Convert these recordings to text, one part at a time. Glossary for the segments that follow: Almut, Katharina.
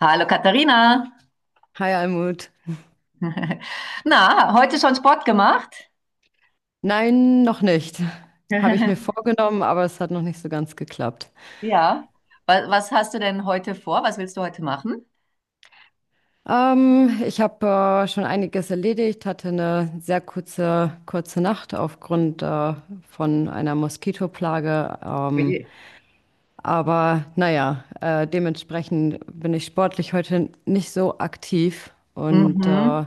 Hallo Katharina. Hi Almut. Na, heute schon Sport gemacht? Nein, noch nicht. Habe ich mir vorgenommen, aber es hat noch nicht so ganz geklappt. Ja. Was hast du denn heute vor? Was willst du heute machen? Ich habe schon einiges erledigt, hatte eine sehr kurze, kurze Nacht aufgrund von einer Moskitoplage. Oje. Aber naja, dementsprechend bin ich sportlich heute nicht so aktiv und Mhm.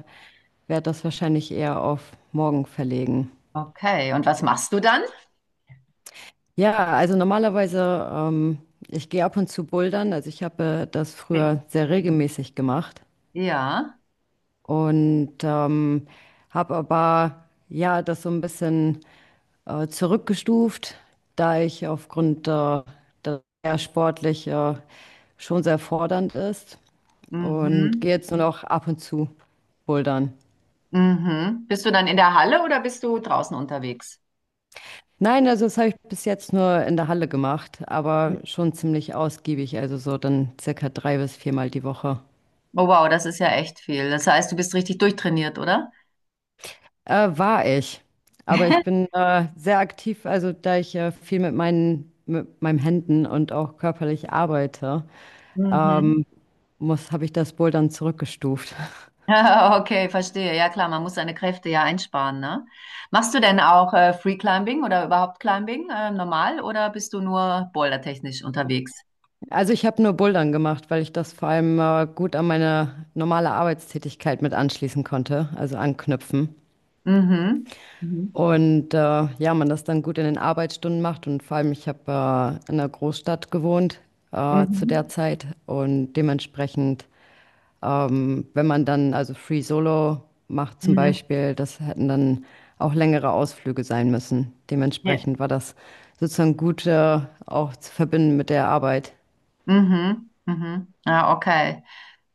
werde das wahrscheinlich eher auf morgen verlegen. Okay. Und was machst du dann? Ja, also normalerweise, ich gehe ab und zu bouldern. Also ich habe das Okay. früher sehr regelmäßig gemacht Ja. und habe aber ja das so ein bisschen zurückgestuft, da ich aufgrund dass er sportlich schon sehr fordernd ist und Mhm. gehe jetzt nur noch ab und zu bouldern. Mhm. Bist du dann in der Halle oder bist du draußen unterwegs? Nein, also das habe ich bis jetzt nur in der Halle gemacht, aber schon ziemlich ausgiebig, also so dann circa 3- bis 4-mal die Woche. Oh wow, das ist ja echt viel. Das heißt, du bist richtig durchtrainiert, oder? War ich. Aber ich bin sehr aktiv, also da ich viel mit meinen Händen und auch körperlich arbeite, Mhm. ähm, habe ich das Bouldern zurückgestuft. Okay, verstehe. Ja klar, man muss seine Kräfte ja einsparen, ne? Machst du denn auch Free Climbing oder überhaupt Climbing normal oder bist du nur bouldertechnisch unterwegs? Also ich habe nur Bouldern gemacht, weil ich das vor allem gut an meine normale Arbeitstätigkeit mit anschließen konnte, also anknüpfen. Mhm. Mhm. Und ja, man das dann gut in den Arbeitsstunden macht und vor allem ich habe in einer Großstadt gewohnt zu Mhm. der Zeit und dementsprechend. Wenn man dann also Free Solo macht zum Mhm. Beispiel, das hätten dann auch längere Ausflüge sein müssen. Ja. Dementsprechend war das sozusagen gut, auch zu verbinden mit der Arbeit. Mhm. Mhm. Ja, okay.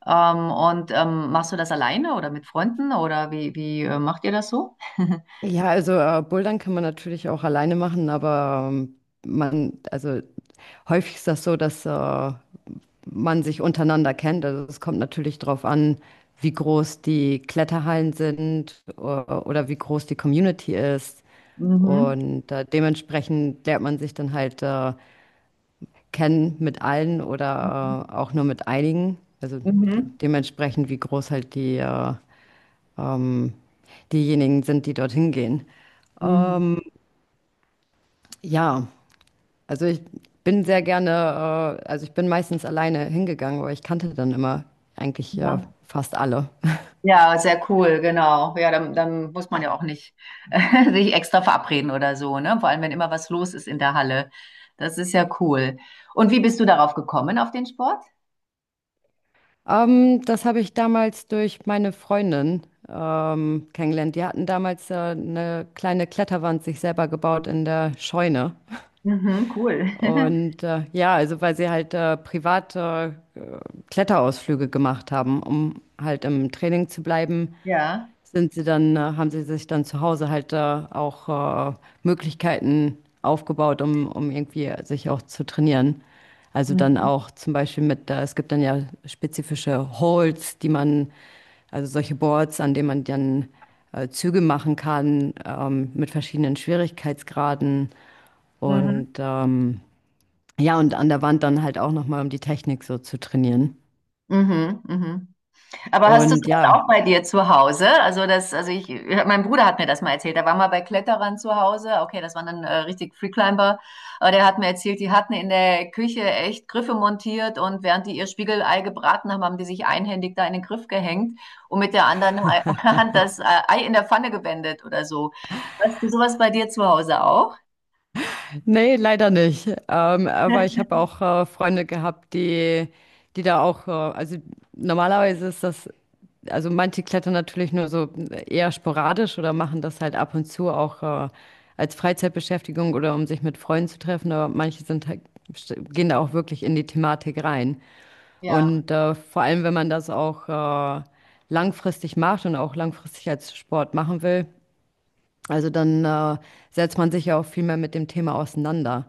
Und machst du das alleine oder mit Freunden oder wie macht ihr das so? Ja, also Bouldern kann man natürlich auch alleine machen, aber man, also häufig ist das so, dass man sich untereinander kennt. Also es kommt natürlich darauf an, wie groß die Kletterhallen sind oder wie groß die Community ist. Mhm. Und dementsprechend lernt man sich dann halt kennen mit allen Mhm. oder auch nur mit einigen. Also Mhm. dementsprechend, wie groß halt die, ähm, diejenigen sind, die dorthin gehen. Mhm. Ja, also ich bin sehr gerne, also ich bin meistens alleine hingegangen, aber ich kannte dann immer eigentlich ja Ja. fast alle. Ja, sehr cool, genau. Ja, dann muss man ja auch nicht sich extra verabreden oder so, ne? Vor allem, wenn immer was los ist in der Halle. Das ist ja cool. Und wie bist du darauf gekommen, auf den Sport? Das habe ich damals durch meine Freundin kennengelernt. Die hatten damals eine kleine Kletterwand sich selber gebaut in der Scheune. Mhm, cool. Und ja, also weil sie halt private Kletterausflüge gemacht haben, um halt im Training zu bleiben, Ja. Haben sie sich dann zu Hause halt auch Möglichkeiten aufgebaut, um irgendwie sich auch zu trainieren. Also dann Mhm, auch zum Beispiel es gibt dann ja spezifische Holds, also solche Boards, an denen man dann Züge machen kann, mit verschiedenen Schwierigkeitsgraden und mhm, ja, und an der Wand dann halt auch nochmal, um die Technik so zu trainieren. mhm, mhm. Aber hast du Und sowas auch ja. bei dir zu Hause? Also, mein Bruder hat mir das mal erzählt. Er war mal bei Kletterern zu Hause. Okay, das waren dann richtig Freeclimber. Aber der hat mir erzählt, die hatten in der Küche echt Griffe montiert, und während die ihr Spiegelei gebraten haben, haben die sich einhändig da in den Griff gehängt und mit der anderen Hand das Ei in der Pfanne gewendet oder so. Hast du sowas bei dir zu Hause auch? Nee, leider nicht. Aber ich habe auch Freunde gehabt, die da auch, also normalerweise ist das, also manche klettern natürlich nur so eher sporadisch oder machen das halt ab und zu auch als Freizeitbeschäftigung oder um sich mit Freunden zu treffen, aber manche sind halt, gehen da auch wirklich in die Thematik rein. Ja. Und vor allem, wenn man das auch langfristig macht und auch langfristig als Sport machen will, also dann setzt man sich ja auch viel mehr mit dem Thema auseinander.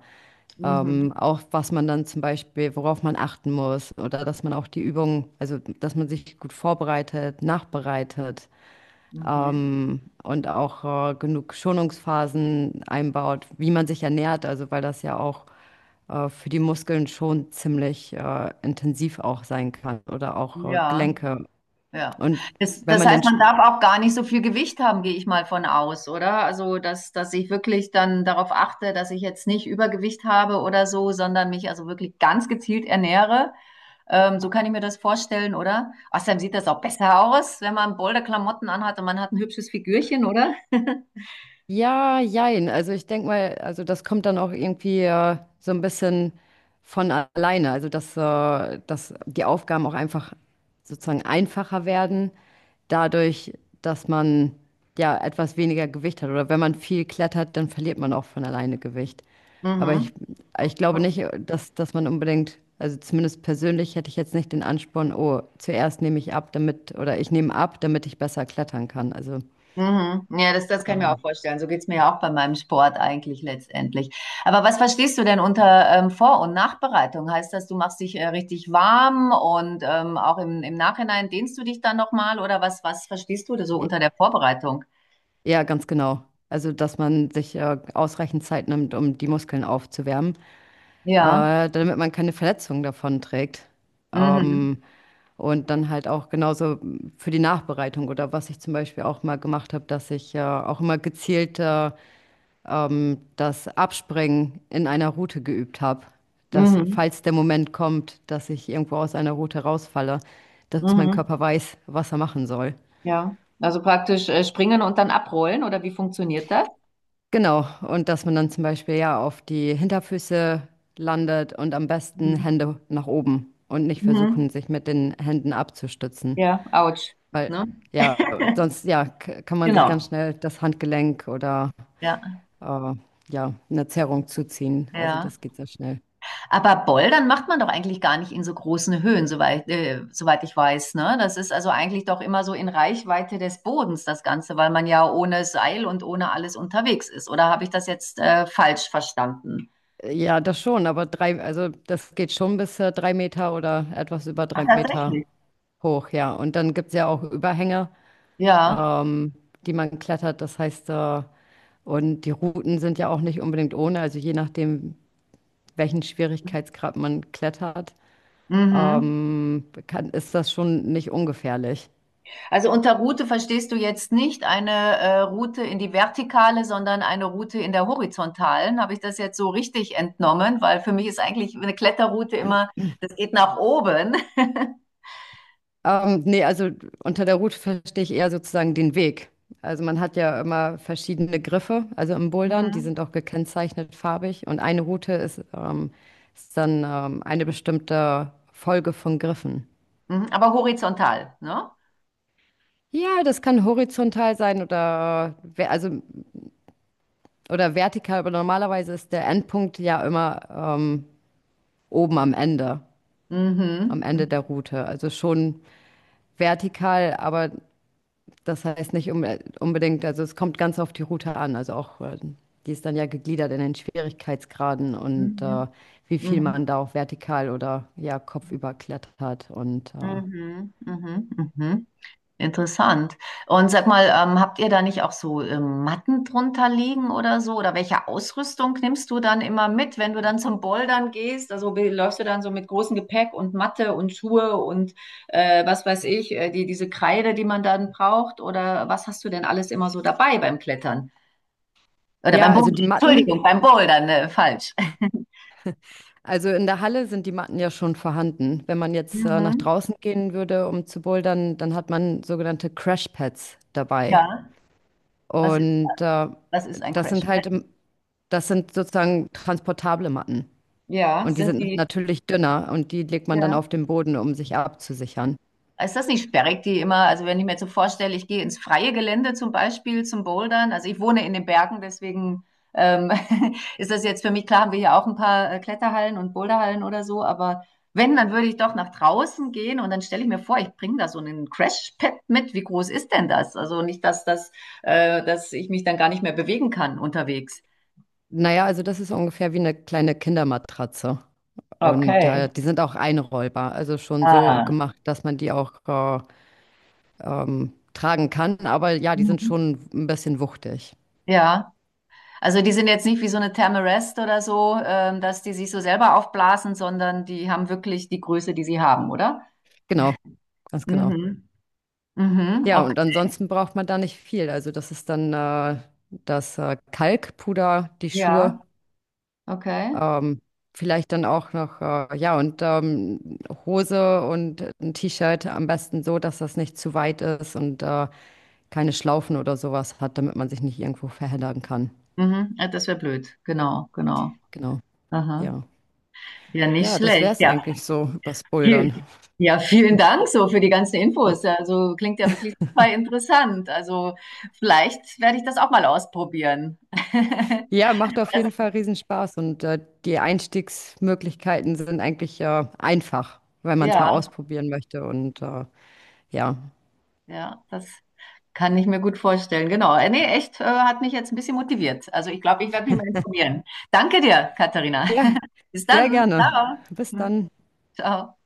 Mhm. Auch was man dann zum Beispiel, worauf man achten muss oder dass man auch die Übung, also dass man sich gut vorbereitet, nachbereitet, Mhm. Und auch genug Schonungsphasen einbaut, wie man sich ernährt, also weil das ja auch für die Muskeln schon ziemlich intensiv auch sein kann oder auch Ja. Gelenke. Ja. Und Das, wenn das man den heißt, man Sp- darf auch gar nicht so viel Gewicht haben, gehe ich mal von aus, oder? Also, dass ich wirklich dann darauf achte, dass ich jetzt nicht Übergewicht habe oder so, sondern mich also wirklich ganz gezielt ernähre. So kann ich mir das vorstellen, oder? Außerdem sieht das auch besser aus, wenn man bolde Klamotten anhat und man hat ein hübsches Figürchen, oder? Ja, jein. Also ich denke mal, also das kommt dann auch irgendwie so ein bisschen von alleine. Also dass die Aufgaben auch einfach sozusagen einfacher werden, dadurch, dass man ja etwas weniger Gewicht hat. Oder wenn man viel klettert, dann verliert man auch von alleine Gewicht. Aber Mhm. ich glaube nicht, dass man unbedingt, also zumindest persönlich hätte ich jetzt nicht den Ansporn, oh, zuerst nehme ich ab, damit, oder ich nehme ab, damit ich besser klettern kann. Also Mhm. Ja, das kann ich mir auch ähm, vorstellen. So geht's mir ja auch bei meinem Sport eigentlich letztendlich. Aber was verstehst du denn unter Vor- und Nachbereitung? Heißt das, du machst dich richtig warm und auch im Nachhinein dehnst du dich dann nochmal, oder was verstehst du da so unter der Vorbereitung? ja, ganz genau. Also, dass man sich ausreichend Zeit nimmt, um die Muskeln aufzuwärmen, Ja. Damit man keine Verletzungen davon trägt. Ähm, Mhm. und dann halt auch genauso für die Nachbereitung oder was ich zum Beispiel auch mal gemacht habe, dass ich auch immer gezielt das Abspringen in einer Route geübt habe. Dass, Mhm. falls der Moment kommt, dass ich irgendwo aus einer Route rausfalle, dass mein Mhm. Körper weiß, was er machen soll. Ja. Also praktisch springen und dann abrollen oder wie funktioniert das? Genau, und dass man dann zum Beispiel ja auf die Hinterfüße landet und am besten Mhm. Hände nach oben und nicht versuchen, Mhm. sich mit den Händen abzustützen. Ja, ouch. Weil Ne? ja, sonst ja, kann man sich ganz Genau. schnell das Handgelenk oder Ja, äh, ja, eine Zerrung zuziehen. Also ja. das geht sehr schnell. Aber Bouldern macht man doch eigentlich gar nicht in so großen Höhen, soweit, soweit ich weiß, ne? Das ist also eigentlich doch immer so in Reichweite des Bodens, das Ganze, weil man ja ohne Seil und ohne alles unterwegs ist. Oder habe ich das jetzt falsch verstanden? Ja, das schon, aber also das geht schon bis 3 Meter oder etwas über 3 Meter Tatsächlich. hoch, ja. Und dann gibt es ja auch Überhänge, Ja. ähm, die man klettert. Und die Routen sind ja auch nicht unbedingt ohne, also je nachdem, welchen Schwierigkeitsgrad man klettert, Mhm. Ist das schon nicht ungefährlich. Also unter Route verstehst du jetzt nicht eine Route in die Vertikale, sondern eine Route in der Horizontalen. Habe ich das jetzt so richtig entnommen? Weil für mich ist eigentlich eine Kletterroute immer, das geht nach oben. Nee, also unter der Route verstehe ich eher sozusagen den Weg. Also man hat ja immer verschiedene Griffe, also im Bouldern, die Mhm. sind auch gekennzeichnet farbig und eine Route ist dann eine bestimmte Folge von Griffen. Mhm. Aber horizontal, ne? Ja, das kann horizontal sein oder also oder vertikal, aber normalerweise ist der Endpunkt ja immer oben am Ende, am Mhm. Ende der Mhm. Route. Also schon vertikal, aber das heißt nicht unbedingt, also es kommt ganz auf die Route an. Also auch, die ist dann ja gegliedert in den Schwierigkeitsgraden und Mhm. wie viel Mhm. man da auch vertikal oder ja kopfüber klettert. Und Mhm. Mhm. Mhm. Interessant. Und sag mal, habt ihr da nicht auch so Matten drunter liegen oder so? Oder welche Ausrüstung nimmst du dann immer mit, wenn du dann zum Bouldern gehst? Also läufst du dann so mit großem Gepäck und Matte und Schuhe und was weiß ich, diese Kreide, die man dann braucht? Oder was hast du denn alles immer so dabei beim Klettern? Oder ja, beim also Bouldern? die Matten. Entschuldigung, beim Bouldern, ne, falsch. Also in der Halle sind die Matten ja schon vorhanden. Wenn man jetzt nach Mhm. draußen gehen würde, um zu bouldern, dann hat man sogenannte Crashpads dabei. Ja. Was ist, Und was ist ein das Crash? sind halt, das sind sozusagen transportable Matten. Ja, Und die sind sind die, natürlich dünner und die legt man dann ja. auf den Boden, um sich abzusichern. Ist das nicht sperrig, die immer, also wenn ich mir jetzt so vorstelle, ich gehe ins freie Gelände zum Beispiel zum Bouldern, also ich wohne in den Bergen, deswegen ähm, ist das jetzt für mich klar, haben wir hier auch ein paar Kletterhallen und Boulderhallen oder so, aber wenn, dann würde ich doch nach draußen gehen, und dann stelle ich mir vor, ich bringe da so einen Crash-Pad mit, wie groß ist denn das? Also nicht, dass ich mich dann gar nicht mehr bewegen kann unterwegs. Naja, also das ist ungefähr wie eine kleine Kindermatratze. Und Okay. die sind auch einrollbar, also schon so Ah. gemacht, dass man die auch tragen kann. Aber ja, die sind Mhm. schon ein bisschen wuchtig. Ja. Also die sind jetzt nicht wie so eine Thermarest oder so, dass die sich so selber aufblasen, sondern die haben wirklich die Größe, die sie haben, oder? Genau, ganz genau. Mhm. Mhm. Ja, und Okay. ansonsten braucht man da nicht viel. Also das ist dann das Kalkpuder, die Ja, Schuhe, okay. ähm, vielleicht dann auch noch, ja, und Hose und ein T-Shirt am besten so, dass das nicht zu weit ist und keine Schlaufen oder sowas hat, damit man sich nicht irgendwo verheddern kann. Mhm. Ja, das wäre blöd. Genau, genau. Genau, Aha. ja. Ja, nicht Ja, das wäre schlecht. es Ja. eigentlich so übers Viel, Bouldern. ja, vielen Dank so für die ganzen Infos. Also klingt ja wirklich super interessant. Also vielleicht werde ich das auch mal ausprobieren. Ja, macht auf Das, jeden Fall riesen Spaß und die Einstiegsmöglichkeiten sind eigentlich einfach, wenn man es mal ja, ausprobieren möchte. Und ja, ja, das kann ich mir gut vorstellen. Genau. Nee, echt, hat mich jetzt ein bisschen motiviert. Also ich glaube, ich werde mich mal informieren. Danke dir, Katharina. ja, Bis sehr dann. gerne. Ciao. Bis dann. Ciao.